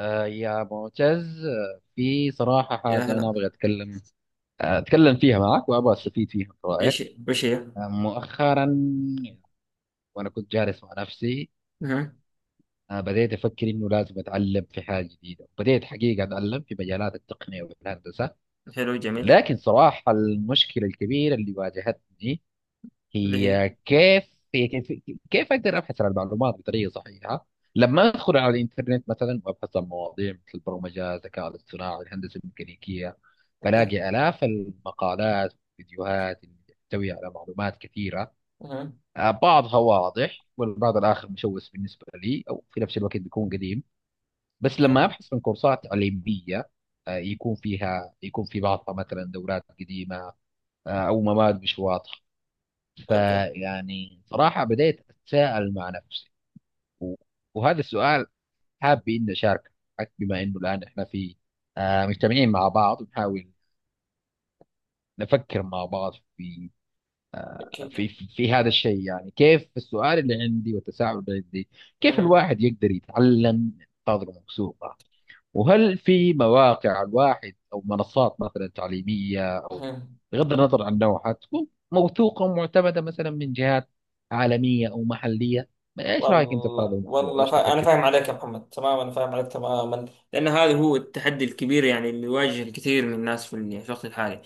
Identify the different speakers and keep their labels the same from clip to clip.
Speaker 1: يا معتز، في صراحة
Speaker 2: يا
Speaker 1: حاجة أنا
Speaker 2: هلا.
Speaker 1: أبغى أتكلم، أتكلم فيها معك وأبغى أستفيد فيها من
Speaker 2: ايش؟
Speaker 1: رأيك.
Speaker 2: وش هي؟
Speaker 1: مؤخرا وأنا كنت جالس مع نفسي،
Speaker 2: مهم.
Speaker 1: بديت أفكر إنه لازم أتعلم في حاجة جديدة. بديت حقيقة أتعلم في مجالات التقنية والهندسة،
Speaker 2: حلو جميل.
Speaker 1: لكن صراحة المشكلة الكبيرة اللي واجهتني
Speaker 2: اللي هي
Speaker 1: هي كيف هي كيف كيف اقدر ابحث عن المعلومات بطريقه صحيحه؟ لما ادخل على الانترنت مثلا وابحث عن مواضيع مثل البرمجه، الذكاء الاصطناعي، الهندسه الميكانيكيه،
Speaker 2: اوكي
Speaker 1: بلاقي الاف المقالات والفيديوهات اللي تحتوي على معلومات كثيره.
Speaker 2: مهم.
Speaker 1: بعضها واضح والبعض الاخر مشوش بالنسبه لي، او في نفس الوقت بيكون قديم. بس
Speaker 2: اوكي،
Speaker 1: لما ابحث عن كورسات تعليميه، يكون في بعضها مثلا دورات قديمه، او مواد مش واضحه.
Speaker 2: اوكي،
Speaker 1: فيعني صراحة بديت أتساءل مع نفسي، و- وهذا السؤال حابب إني أشاركك، بما إنه الآن إحنا في آه، مجتمعين مع بعض ونحاول نفكر مع بعض في،
Speaker 2: اوكي،
Speaker 1: آه،
Speaker 2: اوكي.
Speaker 1: في في في هذا الشيء. يعني كيف السؤال اللي عندي والتساؤل اللي عندي كيف
Speaker 2: مهم.
Speaker 1: الواحد يقدر يتعلم من تجربة مكسورة؟ وهل في مواقع الواحد أو منصات مثلا تعليمية، أو
Speaker 2: مهم.
Speaker 1: بغض النظر عن نوعها، تكون موثوقة ومعتمدة مثلا من جهات عالمية أو محلية؟ إيش رأيك أنت في هذا
Speaker 2: والله
Speaker 1: الموضوع
Speaker 2: والله،
Speaker 1: وإيش
Speaker 2: أنا
Speaker 1: تفكر
Speaker 2: فاهم
Speaker 1: فيه؟
Speaker 2: عليك يا محمد تماما، فاهم عليك تماما. لأن هذا هو التحدي الكبير يعني اللي يواجه الكثير من الناس في الوقت الحالي،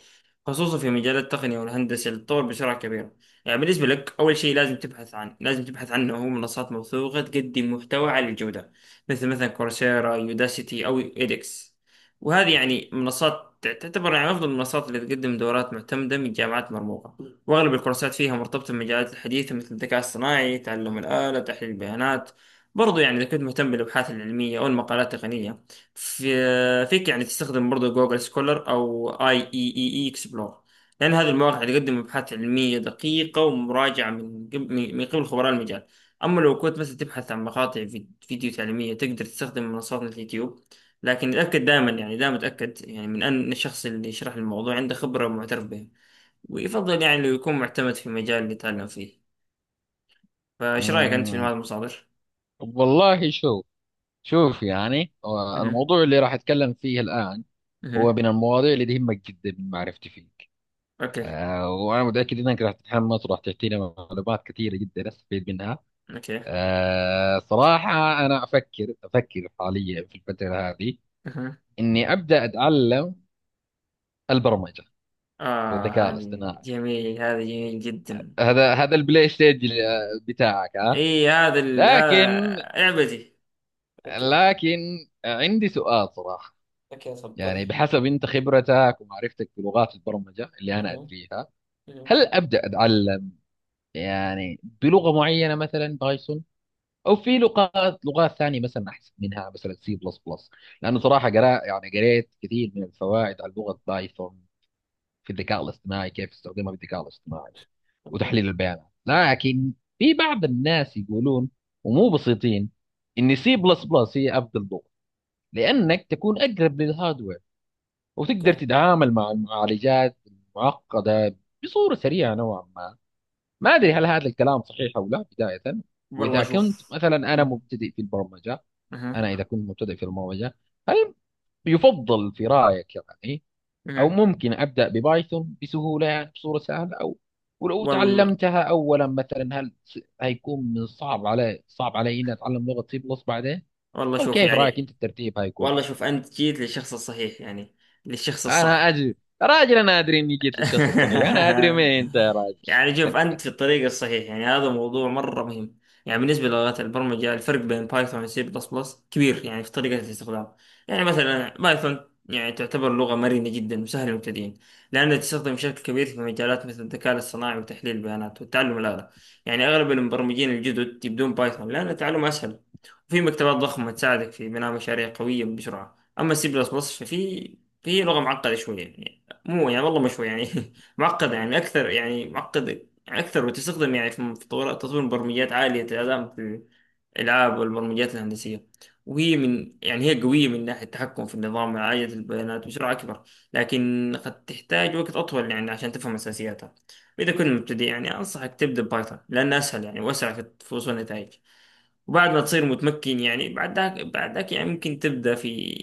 Speaker 2: خصوصا في مجال التقنية والهندسة اللي تطور بسرعة كبيرة. يعني بالنسبة لك أول شيء لازم تبحث عنه هو منصات موثوقة تقدم محتوى عالي الجودة، مثل مثلا كورسيرا، يوداسيتي، أو إيدكس. وهذه يعني منصات تعتبر يعني أفضل المنصات اللي تقدم دورات معتمدة من جامعات مرموقة، وأغلب الكورسات فيها مرتبطة بالمجالات الحديثة مثل الذكاء الصناعي، تعلم الآلة، تحليل البيانات. برضو يعني إذا كنت مهتم بالأبحاث العلمية أو المقالات التقنية، فيك يعني تستخدم برضو جوجل سكولر أو IEEE Xplore، لأن هذه المواقع تقدم أبحاث علمية دقيقة ومراجعة من قب- من من قبل خبراء المجال. أما لو كنت مثلا تبحث عن مقاطع فيديو تعليمية، تقدر تستخدم منصات مثل اليوتيوب، لكن اتأكد دائما، يعني دائما اتأكد، يعني من أن الشخص اللي يشرح الموضوع عنده خبرة ومعترف بها، ويفضل يعني لو يكون معتمد في مجال اللي تعلم فيه. فايش رايك انت في المال
Speaker 1: أمم،
Speaker 2: المصادر؟
Speaker 1: والله شوف شوف، يعني
Speaker 2: اها.
Speaker 1: الموضوع اللي راح أتكلم فيه الآن هو
Speaker 2: اها.
Speaker 1: من المواضيع اللي تهمك جدا من معرفتي فيك.
Speaker 2: اوكي،
Speaker 1: وأنا متأكد أنك راح تتحمس وراح تعطينا معلومات كثيرة جدا أستفيد منها.
Speaker 2: اوكي.
Speaker 1: صراحة أنا أفكر حاليا في الفترة هذه
Speaker 2: اها.
Speaker 1: إني أبدأ أتعلم البرمجة
Speaker 2: اه،
Speaker 1: والذكاء
Speaker 2: هذه
Speaker 1: الاصطناعي.
Speaker 2: جميل هذا جميل جدا.
Speaker 1: هذا البلاي ستيج بتاعك، ها؟
Speaker 2: اي، هذا ال...
Speaker 1: لكن
Speaker 2: هذا اعبدي. اوكي،
Speaker 1: لكن عندي سؤال صراحة،
Speaker 2: اوكي، تفضل.
Speaker 1: يعني بحسب أنت خبرتك ومعرفتك بلغات البرمجة اللي أنا
Speaker 2: اها،
Speaker 1: أدريها،
Speaker 2: اها،
Speaker 1: هل أبدأ أتعلم يعني بلغة معينة مثلا بايثون، او في لغات ثانيه مثلا احسن منها مثلا سي بلس بلس؟ لانه
Speaker 2: اها.
Speaker 1: صراحه قرا يعني قريت كثير من الفوائد على لغه بايثون في الذكاء الاصطناعي، كيف استخدمها في الذكاء الاصطناعي
Speaker 2: اوكي،
Speaker 1: وتحليل البيانات. لكن في بعض الناس يقولون، ومو بسيطين، ان سي بلس بلس هي افضل لغه لانك تكون اقرب للهاردوير وتقدر
Speaker 2: اوكي.
Speaker 1: تتعامل مع المعالجات المعقده بصوره سريعه نوعا ما. ما ادري
Speaker 2: مهم.
Speaker 1: هل هذا الكلام صحيح او لا بدايه.
Speaker 2: والله
Speaker 1: واذا كنت
Speaker 2: شوف.
Speaker 1: مثلا انا
Speaker 2: مهم.
Speaker 1: مبتدئ في البرمجه،
Speaker 2: مهم.
Speaker 1: إذا كنت مبتدئ في المبرمجة، هل يفضل في رأيك يعني، أو
Speaker 2: مهم.
Speaker 1: ممكن أبدأ ببايثون بسهولة يعني بصورة سهلة؟ أو ولو
Speaker 2: والله.
Speaker 1: تعلمتها أولا مثلا، هل هيكون من صعب علي صعب علي إني أتعلم لغة سي بلس بعدين؟
Speaker 2: والله
Speaker 1: أو
Speaker 2: شوف
Speaker 1: كيف رأيك أنت
Speaker 2: يعني.
Speaker 1: الترتيب هيكون؟
Speaker 2: والله شوف انت جيت للشخص الصحيح يعني، للشخص
Speaker 1: أنا
Speaker 2: الصح.
Speaker 1: أدري، راجل أنا أدري إني جيت للشخص الصحيح، أنا أدري مين أنت يا راجل.
Speaker 2: يعني شوف انت في الطريق الصحيح، يعني هذا موضوع مره مهم. يعني بالنسبه للغات البرمجه، الفرق بين بايثون وسي بلس بلس كبير يعني في طريقه الاستخدام. يعني مثلا بايثون يعني تعتبر لغه مرنه جدا وسهله للمبتدئين، لانها تستخدم بشكل كبير في مجالات مثل الذكاء الاصطناعي وتحليل البيانات والتعلم الآلي. يعني اغلب المبرمجين الجدد يبدون بايثون لان التعلم اسهل، وفي مكتبات ضخمه تساعدك في بناء مشاريع قويه بسرعه. اما سي بلس بلس فهي لغه معقده شويه يعني. مو يعني، والله مش هو يعني. معقدة يعني أكثر، يعني معقدة يعني أكثر، وتستخدم يعني في تطوير برمجيات عالية الأداء في الألعاب والبرمجيات الهندسية. وهي من يعني هي قوية من ناحية التحكم في النظام وعالية البيانات بسرعة أكبر، لكن قد تحتاج وقت أطول يعني عشان تفهم أساسياتها. وإذا كنت مبتدئ، يعني أنصحك تبدأ بايثون لأنها أسهل يعني وأسرع في وصول النتائج. وبعد ما تصير متمكن يعني، بعد ذاك يعني ممكن تبدأ في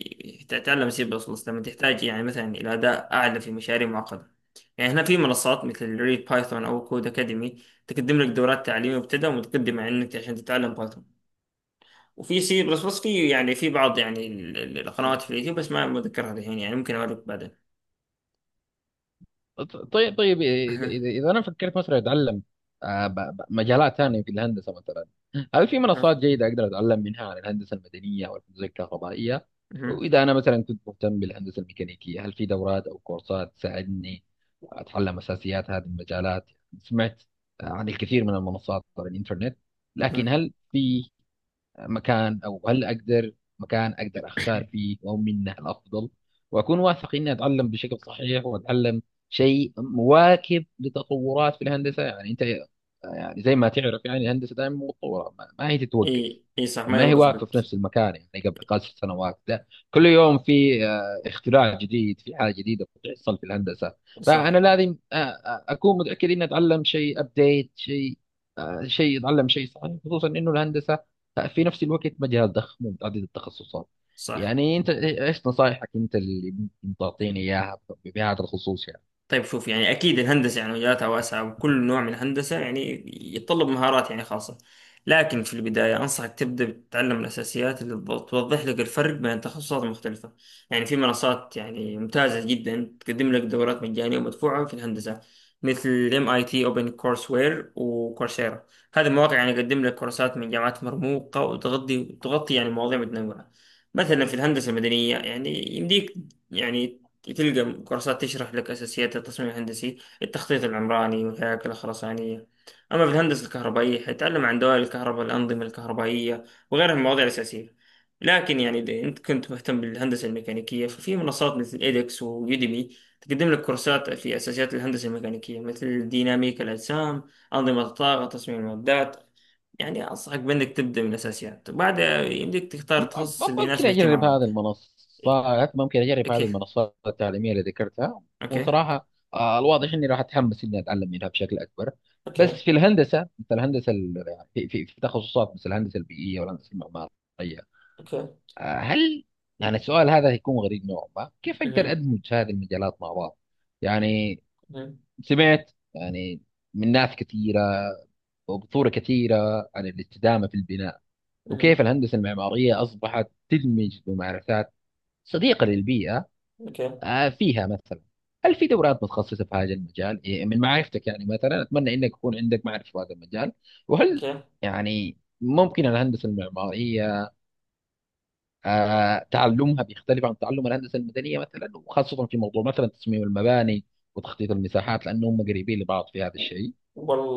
Speaker 2: تتعلم سي بلس بلس لما تحتاج يعني مثلا إلى أداء أعلى في مشاريع معقدة. يعني هنا في منصات مثل ريد بايثون أو كود أكاديمي تقدم لك دورات تعليمية مبتدئة ومتقدمة عندك عشان تتعلم بايثون. وفي سي بلس بلس في بعض يعني القنوات في اليوتيوب، بس ما متذكرها الحين، يعني ممكن أوريك بعدين.
Speaker 1: طيب طيب، اذا
Speaker 2: أها.
Speaker 1: اذا إذا انا فكرت مثلا اتعلم مجالات ثانيه في الهندسه مثلا، هل في
Speaker 2: أها.
Speaker 1: منصات جيده اقدر اتعلم منها عن الهندسه المدنيه او الهندسه الكهربائيه؟
Speaker 2: أها.
Speaker 1: واذا انا مثلا كنت مهتم بالهندسه الميكانيكيه، هل في دورات او كورسات تساعدني اتعلم اساسيات هذه المجالات؟ سمعت عن الكثير من المنصات على الانترنت، لكن
Speaker 2: أها.
Speaker 1: هل في مكان، أو هل أقدر مكان أقدر أختار فيه وهو منه الأفضل وأكون واثق إني أتعلم بشكل صحيح، وأتعلم شيء مواكب لتطورات في الهندسة؟ يعني أنت يعني زي ما تعرف، يعني الهندسة دائما متطورة، ما هي تتوقف
Speaker 2: إي، إي، صح،
Speaker 1: أو
Speaker 2: ما
Speaker 1: ما هي
Speaker 2: يوقف
Speaker 1: واقفة في
Speaker 2: بت.
Speaker 1: نفس المكان. يعني قبل خمس سنوات ده كل يوم في اختراع جديد، في حاجة جديدة بتحصل في الهندسة. فأنا
Speaker 2: صح.
Speaker 1: لازم أكون متأكد إني أتعلم شيء أبديت شيء، آه، شيء اتعلم شيء صحيح، خصوصا انه الهندسه في نفس الوقت مجال ضخم ومتعدد التخصصات.
Speaker 2: صح.
Speaker 1: يعني انت ايش نصايحك انت اللي ممكن تعطيني اياها بهذا الخصوص يعني؟
Speaker 2: طيب شوف، يعني أكيد الهندسة يعني مجالاتها واسعة، وكل نوع من الهندسة يعني يتطلب مهارات يعني خاصة. لكن في البداية أنصحك تبدأ بتتعلم الأساسيات اللي توضح لك الفرق بين تخصصات مختلفة. يعني في منصات يعني ممتازة جدا تقدم لك دورات مجانية ومدفوعة في الهندسة، مثل MIT، اوبن كورس وير، وكورسيرا. هذه المواقع يعني تقدم لك كورسات من جامعات مرموقة، وتغطي تغطي يعني مواضيع متنوعة. مثلا في الهندسة المدنية يعني يمديك يعني تلقى كورسات تشرح لك أساسيات التصميم الهندسي، التخطيط العمراني، والهياكل الخرسانية. أما في الهندسة الكهربائية، حيتعلم عن دوائر الكهرباء، الأنظمة الكهربائية، وغيرها من المواضيع الأساسية. لكن يعني إذا أنت كنت مهتم بالهندسة الميكانيكية، ففي منصات مثل إيدكس ويوديمي تقدم لك كورسات في أساسيات الهندسة الميكانيكية، مثل ديناميكا الأجسام، أنظمة الطاقة، تصميم المعدات. يعني أنصحك بأنك تبدأ من الأساسيات، وبعدها يمديك تختار
Speaker 1: م-
Speaker 2: التخصص اللي
Speaker 1: ممكن
Speaker 2: يناسب
Speaker 1: اجرب
Speaker 2: اهتمامك.
Speaker 1: هذه المنصات، ممكن اجرب هذه
Speaker 2: أوكي،
Speaker 1: المنصات التعليميه اللي ذكرتها.
Speaker 2: أوكي،
Speaker 1: وصراحه الواضح اني راح اتحمس اني اتعلم منها بشكل اكبر. بس
Speaker 2: أوكي،
Speaker 1: في الهندسه مثل الهندسه يعني في في تخصصات مثل الهندسه البيئيه والهندسه المعماريه،
Speaker 2: أوكي.
Speaker 1: هل يعني، السؤال هذا هيكون غريب نوعا ما، كيف اقدر
Speaker 2: مهم.
Speaker 1: ادمج هذه المجالات مع بعض يعني؟
Speaker 2: مهم.
Speaker 1: سمعت يعني من ناس كثيرة وبصورة كثيرة عن الاستدامة في البناء وكيف
Speaker 2: مهم.
Speaker 1: الهندسة المعمارية أصبحت تدمج ممارسات صديقة للبيئة
Speaker 2: اوكي،
Speaker 1: فيها مثلا. هل في دورات متخصصة في هذا المجال إيه، من معرفتك يعني؟ مثلا أتمنى إنك يكون عندك معرفة في هذا المجال. وهل
Speaker 2: اوكي.
Speaker 1: يعني ممكن الهندسة المعمارية تعلمها بيختلف عن تعلم الهندسة المدنية مثلا، وخاصة في موضوع مثلا تصميم المباني وتخطيط المساحات، لأنهم قريبين لبعض في هذا الشيء؟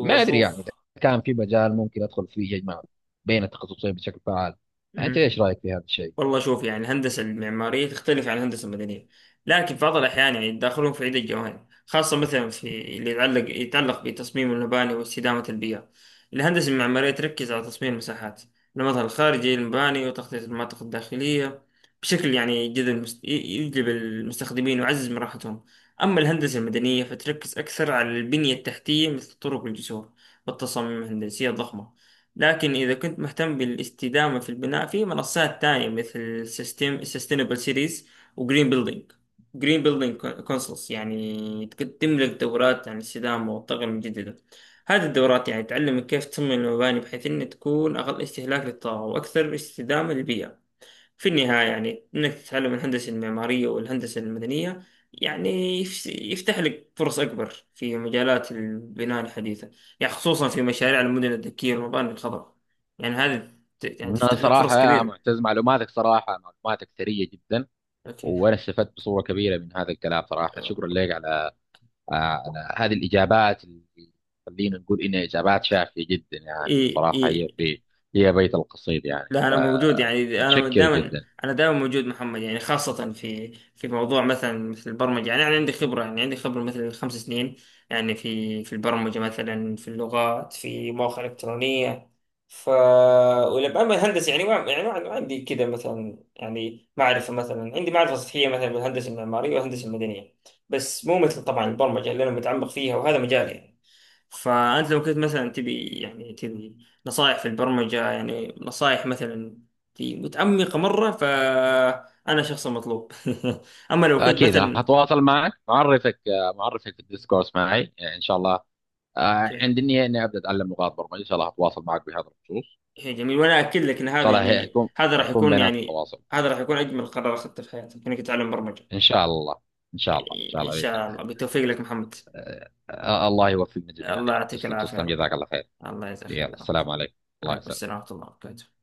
Speaker 1: ما ادري يعني اذا
Speaker 2: شوف.
Speaker 1: كان في مجال ممكن ادخل فيه يجمع بين التخصصين بشكل فعال. انت
Speaker 2: مهم.
Speaker 1: ايش رايك في هذا الشيء؟
Speaker 2: والله شوف يعني الهندسة المعمارية تختلف عن الهندسة المدنية، لكن في بعض الأحيان يعني يتداخلون في عدة جوانب، خاصة مثلا في اللي يتعلق بتصميم المباني واستدامة البيئة. الهندسة المعمارية تركز على تصميم المساحات، المظهر الخارجي للمباني، وتخطيط المناطق الداخلية بشكل يعني يجذب يجلب المستخدمين ويعزز من راحتهم. أما الهندسة المدنية فتركز أكثر على البنية التحتية، مثل الطرق والجسور، والتصاميم الهندسية الضخمة. لكن إذا كنت مهتم بالاستدامة في البناء، في منصات تانية مثل سيستم سستينبل سيتيز، وجرين بيلدينج جرين بيلدينج كونسلز، يعني تملك دورات عن الاستدامة والطاقة المتجددة. هذه الدورات يعني تعلمك كيف تصمم المباني بحيث أن تكون أقل استهلاك للطاقة وأكثر استدامة للبيئة. في النهاية يعني إنك تتعلم الهندسة المعمارية والهندسة المدنية، يعني يفتح لك فرص أكبر في مجالات البناء الحديثة، يعني خصوصا في مشاريع المدن الذكية والمباني الخضراء. يعني هذه يعني
Speaker 1: انا
Speaker 2: تفتح لك فرص
Speaker 1: صراحه يا
Speaker 2: كبيرة.
Speaker 1: معتز، معلوماتك صراحه معلوماتك ثريه جدا،
Speaker 2: أوكي.
Speaker 1: وانا استفدت بصوره كبيره من هذا الكلام. صراحه شكرا لك على على هذه الاجابات اللي خلينا نقول انها اجابات شافيه جدا يعني.
Speaker 2: إي، إي.
Speaker 1: وصراحه هي هي بيت القصيد يعني،
Speaker 2: لا انا موجود، يعني انا
Speaker 1: فمتشكر
Speaker 2: دائما
Speaker 1: جدا.
Speaker 2: انا دائما موجود محمد، يعني خاصه في موضوع مثلا مثل البرمجه. يعني انا عندي خبره مثل 5 سنين، يعني في البرمجه، مثلا في اللغات، في مواقع الكترونيه، ف ولما الهندسه يعني ما عندي كذا مثلا، يعني معرفه، مثلا عندي معرفه سطحيه مثلا بالهندسه المعماريه والهندسه المدنيه. بس مو مثل طبعا البرمجه اللي انا متعمق فيها، وهذا مجالي يعني. فأنت لو كنت مثلا تبي نصائح في البرمجة، يعني نصائح مثلا في متعمقة مرة، فأنا شخص مطلوب. أما لو كنت
Speaker 1: اكيد راح
Speaker 2: مثلا.
Speaker 1: اتواصل معك، معرفك في الديسكورس معي ان شاء الله. آه
Speaker 2: أوكي.
Speaker 1: عندي النية إني أبدأ أتعلم لغات برمجة، إن شاء الله أتواصل معك بهذا الخصوص.
Speaker 2: هي جميل، وأنا أكد لك إن
Speaker 1: إن
Speaker 2: هذا
Speaker 1: شاء الله
Speaker 2: يعني
Speaker 1: هيكون،
Speaker 2: هذا راح
Speaker 1: هيكون
Speaker 2: يكون
Speaker 1: بيناتنا
Speaker 2: يعني.
Speaker 1: تواصل.
Speaker 2: هذا راح يكون أجمل قرار أخذته في حياتي إنك تتعلم برمجة.
Speaker 1: إن شاء الله إن شاء الله إن شاء
Speaker 2: إن
Speaker 1: الله بإذن
Speaker 2: شاء
Speaker 1: الله.
Speaker 2: الله بالتوفيق لك محمد.
Speaker 1: الله يوفقنا جميعا
Speaker 2: الله
Speaker 1: يا رب.
Speaker 2: يعطيك
Speaker 1: تسلم
Speaker 2: العافية يا
Speaker 1: تسلم،
Speaker 2: رب.
Speaker 1: جزاك الله خير.
Speaker 2: الله يجزاك خير
Speaker 1: يلا،
Speaker 2: يا رب.
Speaker 1: السلام عليكم. الله
Speaker 2: عليكم السلام
Speaker 1: يسلمك.
Speaker 2: ورحمة الله وبركاته.